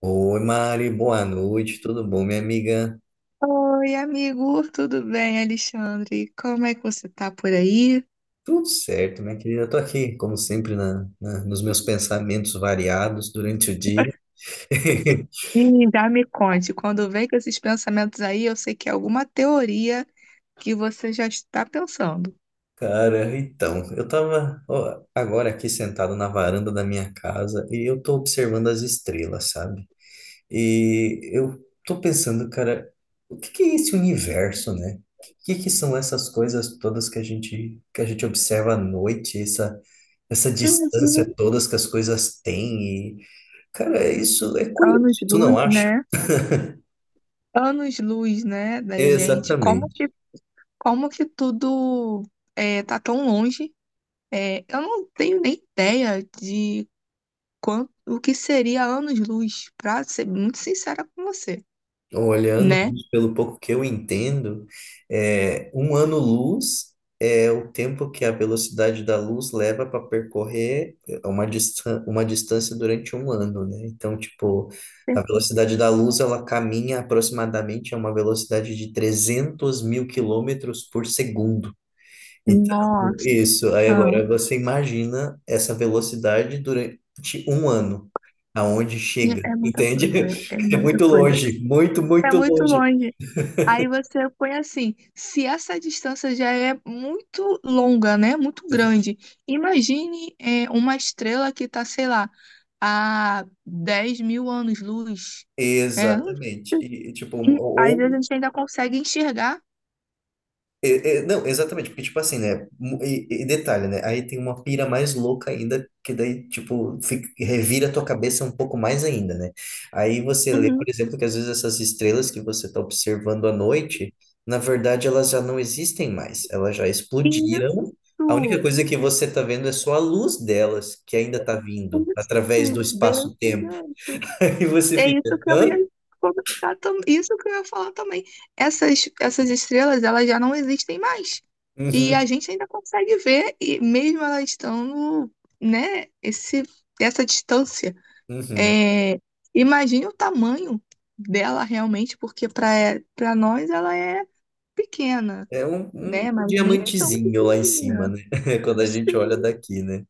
Oi, Mari, boa noite, tudo bom, minha amiga? Oi, amigo, tudo bem, Alexandre? Como é que você tá por aí? Tudo certo, minha querida. Eu tô aqui, como sempre, nos meus pensamentos variados durante o dia. Ih, já me conte, quando vem com esses pensamentos aí, eu sei que é alguma teoria que você já está pensando. Cara, então, eu tava ó, agora aqui sentado na varanda da minha casa e eu tô observando as estrelas, sabe? E eu tô pensando, cara, o que que é esse universo, né? O que que são essas coisas todas que a gente observa à noite, essa distância Uhum. todas que as coisas têm. Cara, isso é curioso, tu não Anos-luz, acha? né? Anos-luz, né, da gente. Como Exatamente. que, como que tudo é, tá tão longe? É, eu não tenho nem ideia de quanto, o que seria anos-luz, pra ser muito sincera com você, Olhando né? pelo pouco que eu entendo, um ano-luz é o tempo que a velocidade da luz leva para percorrer uma distância durante um ano, né? Então, tipo, a velocidade da luz, ela caminha aproximadamente a uma velocidade de 300.000 km por segundo. Então, Nossa. isso. Aí agora você imagina essa velocidade durante um ano, aonde chega, É muita entende? coisa, é É muita muito coisa. longe, muito, É muito muito longe. longe. Aí você põe assim, se essa distância já é muito longa, né? Muito grande. Imagine é, uma estrela que está, sei lá, a 10 mil anos-luz. É, Exatamente. E, tipo, e às vezes a ou gente ainda consegue enxergar. é, é, não, exatamente, porque, tipo assim, né? E detalhe, né? Aí tem uma pira mais louca ainda, que daí, tipo, revira a tua cabeça um pouco mais ainda, né? Aí você lê, por Uhum. exemplo, que às vezes essas estrelas que você está observando à noite, na verdade, elas já não existem mais, elas já explodiram. A única Isso, coisa que você está vendo é só a luz delas, que ainda está vindo, isso, através do desse espaço-tempo. jeito. Aí você É fica, isso que eu hã? ia comentar também. Isso que eu ia falar também. Essas estrelas, elas já não existem mais. E Uhum, a gente ainda consegue ver, e mesmo elas estando, né, essa distância. uhum. É, imagine o tamanho dela realmente, porque para nós ela é pequena, É um né? Mas nem tão diamantezinho lá em cima, pequena. né? Quando a gente olha Sim. daqui, né?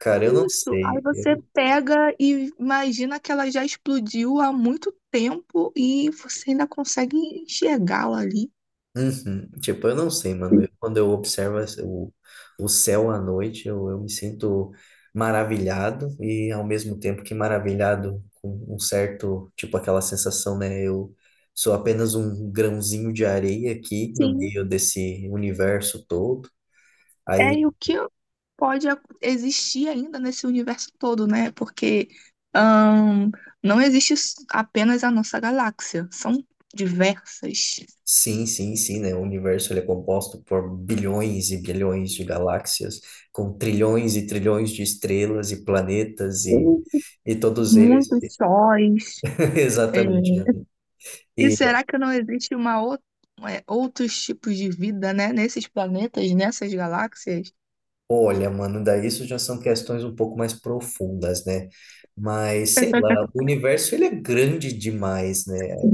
Cara, eu não Isso. Aí sei. você pega e imagina que ela já explodiu há muito tempo e você ainda consegue enxergá-la ali. Uhum. Tipo, eu não sei, mano. Quando eu observo o céu à noite, eu me sinto maravilhado e ao mesmo tempo que maravilhado com um certo, tipo, aquela sensação, né? Eu sou apenas um grãozinho de areia aqui no Sim, meio desse universo todo. é Aí. e o que pode existir ainda nesse universo todo, né? Porque ahn, não existe apenas a nossa galáxia, são diversas. Sim, sim, sim, né? O universo ele é composto por bilhões e bilhões de galáxias, com trilhões e trilhões de estrelas e planetas e, Sim. e todos eles. Muitos sóis. É. Exatamente, né? E E será que não existe é, outros tipos de vida, né? Nesses planetas, nessas galáxias? olha, mano, daí isso já são questões um pouco mais profundas, né? Mas sei lá, o universo ele é grande demais, né?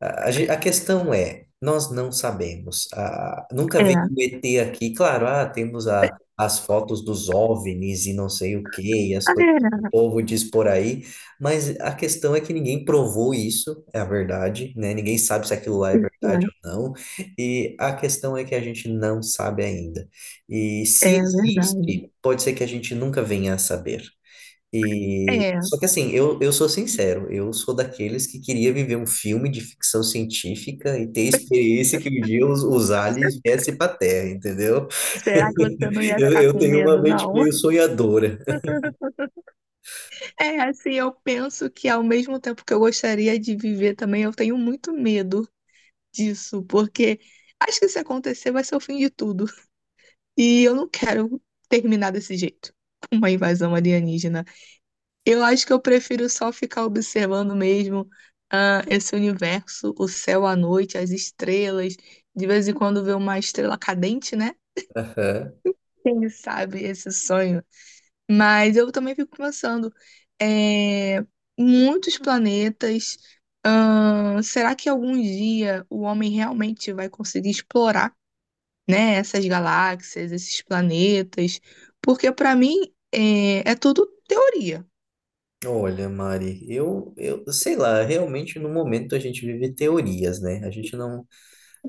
A questão é, nós não sabemos. Ah, nunca É, veio é, um ET aqui. Claro, ah, temos a, as fotos dos OVNIs e não sei o quê, e as coisas que o povo diz por aí, mas a questão é que ninguém provou isso, é a verdade, né? Ninguém sabe se aquilo lá é verdade ou não, e a questão é que a gente não sabe ainda. E é, se é verdade. existe, pode ser que a gente nunca venha a saber. E, É, só que assim, eu sou sincero, eu sou daqueles que queria viver um filme de ficção científica e ter a experiência que um dia os aliens viessem para Terra, entendeu? será que você não ia Eu, ficar eu com tenho uma medo, mente não? meio sonhadora. É, assim, eu penso que ao mesmo tempo que eu gostaria de viver também, eu tenho muito medo disso, porque acho que se acontecer vai ser o fim de tudo. E eu não quero terminar desse jeito, uma invasão alienígena. Eu acho que eu prefiro só ficar observando mesmo, ah, esse universo, o céu à noite, as estrelas, de vez em quando ver uma estrela cadente, né? Aham. Quem sabe esse sonho? Mas eu também fico pensando, é, muitos planetas, será que algum dia o homem realmente vai conseguir explorar, né, essas galáxias, esses planetas? Porque para mim é tudo teoria. Olha, Mari, eu sei lá, realmente no momento a gente vive teorias, né? A gente não.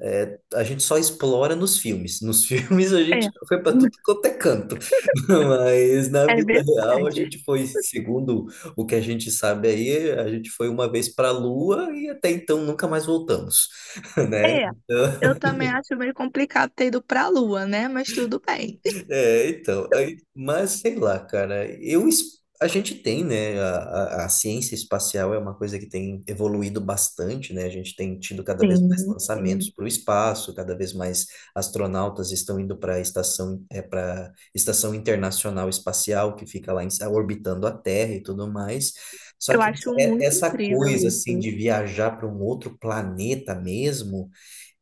É, a gente só explora nos filmes. Nos filmes a gente É, foi para tudo quanto é canto, mas na é vida real a verdade. gente foi, segundo o que a gente sabe aí, a gente foi uma vez para a Lua e até então nunca mais voltamos, né? É, Então, eu também acho meio complicado ter ido para a Lua, né? Mas tudo bem. é, então, aí, mas sei lá, cara, eu, a gente tem, né, a ciência espacial é uma coisa que tem evoluído bastante, né, a gente tem tido cada vez mais Sim, lançamentos sim. para o espaço, cada vez mais astronautas estão indo para a estação, é, para Estação Internacional Espacial, que fica lá orbitando a Terra e tudo mais, só Eu que acho muito essa incrível coisa, assim, isso. de viajar para um outro planeta mesmo,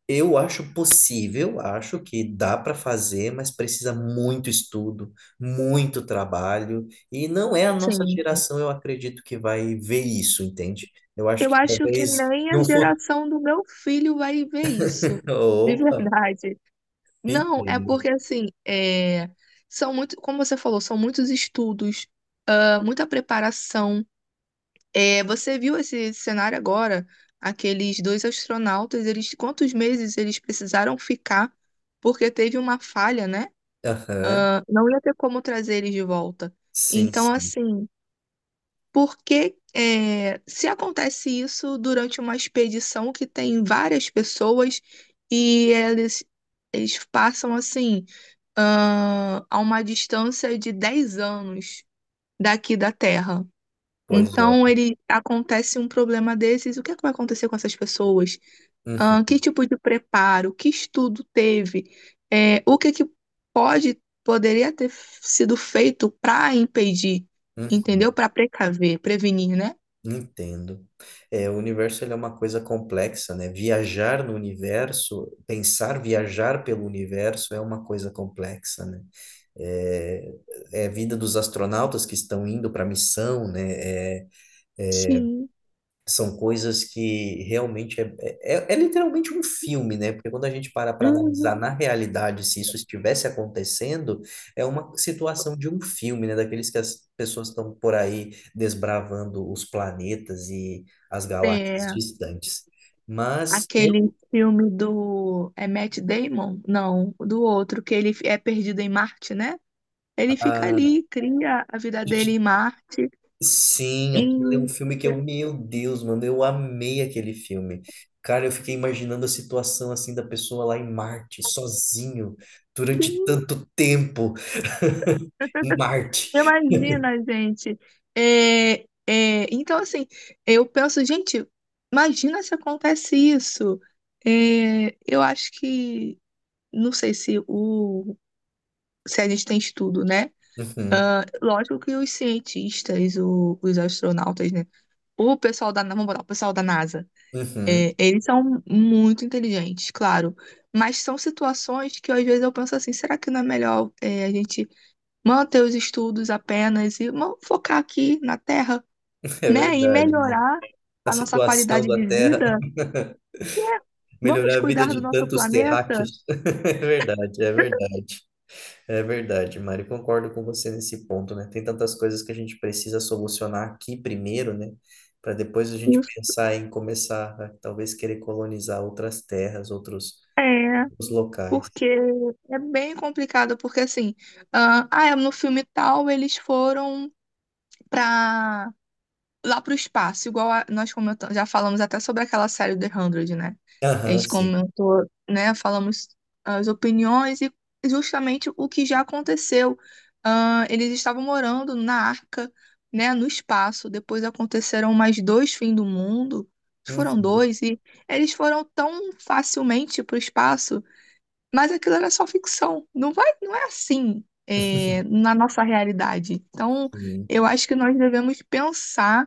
eu acho possível, acho que dá para fazer, mas precisa muito estudo, muito trabalho, e não é a nossa Sim. geração, eu acredito, que vai ver isso, entende? Eu acho Eu que acho que talvez nem num a futuro. geração do meu filho vai ver isso, de Opa, verdade. Não, é entendo. porque assim, é, são muito, como você falou, são muitos estudos, ah, muita preparação. É, você viu esse cenário agora? Aqueles dois astronautas, eles quantos meses eles precisaram ficar porque teve uma falha, né? Aham, Não ia ter como trazer eles de volta. sim, Então, sim. assim. Porque é, se acontece isso durante uma expedição que tem várias pessoas e eles passam assim ah, a uma distância de 10 anos daqui da Terra. Pois Então olha. ele acontece um problema desses, o que é que vai acontecer com essas pessoas? Uhum, Ah, que tipo de preparo, que estudo teve? É, o que é que pode poderia ter sido feito para impedir, entendeu? uhum, Para precaver, prevenir, né? entendo. É, o universo ele é uma coisa complexa, né? Viajar no universo, pensar viajar pelo universo é uma coisa complexa, né? É, é a vida dos astronautas que estão indo para a missão, né? É, é, Sim. são coisas que realmente é literalmente um filme, né? Porque quando a gente para analisar Uhum. na realidade se isso estivesse acontecendo, é uma situação de um filme, né? Daqueles que as pessoas estão por aí desbravando os planetas e as galáxias É, distantes. Mas eu, aquele filme do. É Matt Damon? Não, do outro, que ele é perdido em Marte, né? Ele fica ah, ali, cria a vida dele em Marte. sim, E. aquele é um filme que eu, meu Deus, mano, eu amei aquele filme. Cara, eu fiquei imaginando a situação assim da pessoa lá em Marte, sozinho, durante Sim. tanto tempo em Marte. Imagina, gente. É, então, assim, eu penso, gente, imagina se acontece isso. É, eu acho que. Não sei se o. Se a gente tem estudo, né? Uhum, Lógico que os cientistas, os astronautas, né? O pessoal da, vamos botar, o pessoal da NASA, uhum, é, eles são muito inteligentes, claro. Mas são situações que às vezes eu penso assim, será que não é melhor é, a gente manter os estudos apenas e vamos focar aqui na Terra, é né? E verdade, né? melhorar A a nossa situação qualidade da de Terra, vida, né? Vamos melhorar a vida cuidar do de nosso tantos planeta? terráqueos. É verdade, é verdade. É verdade, Mari, concordo com você nesse ponto, né? Tem tantas coisas que a gente precisa solucionar aqui primeiro, né? Para depois a gente Isso. pensar em começar a talvez querer colonizar outras terras, outros, É, outros locais. porque é bem complicado, porque assim, ah, é, no filme tal eles foram para lá para o espaço, igual nós comentamos, já falamos até sobre aquela série The 100, né? A Aham, gente sim. comentou, né? Falamos ah, as opiniões e justamente o que já aconteceu. Ah, eles estavam morando na arca, né? No espaço. Depois aconteceram mais dois fins do mundo. Foram Uhum, dois e eles foram tão facilmente para o espaço mas aquilo era só ficção. Não vai, não é assim, é, na nossa realidade. Então, sim. eu acho que nós devemos pensar,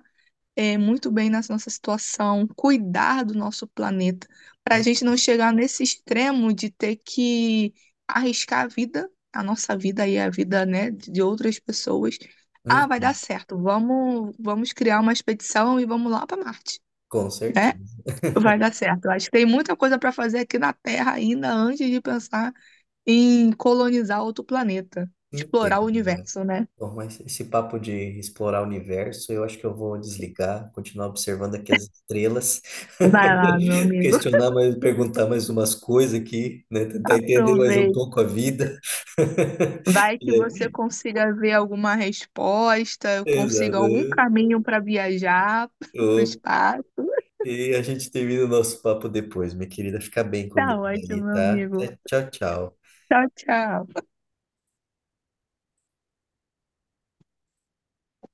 é, muito bem nessa nossa situação, cuidar do nosso planeta, para a gente não chegar nesse extremo de ter que arriscar a vida, a nossa vida e a vida, né, de outras pessoas. Ah, vai dar Uhum, certo. Vamos, vamos criar uma expedição e vamos lá para Marte, com né? certeza. Vai dar certo. Eu acho que tem muita coisa para fazer aqui na Terra ainda antes de pensar em colonizar outro planeta, explorar o Entendo, Mari. universo, né? Bom, mas esse papo de explorar o universo, eu acho que eu vou desligar, continuar observando aqui as estrelas, Vai lá, meu amigo. questionar mais, perguntar mais umas coisas aqui, né? Tentar entender mais um Aproveita. pouco a vida. Vai que E você aí, consiga ver alguma resposta, consiga algum exato. caminho para viajar para o Ô, espaço. e a gente termina o nosso papo depois, minha querida. Fica bem com Tá Deus aí, ótimo, meu tá? amigo. Tchau, tchau. Tchau, tchau.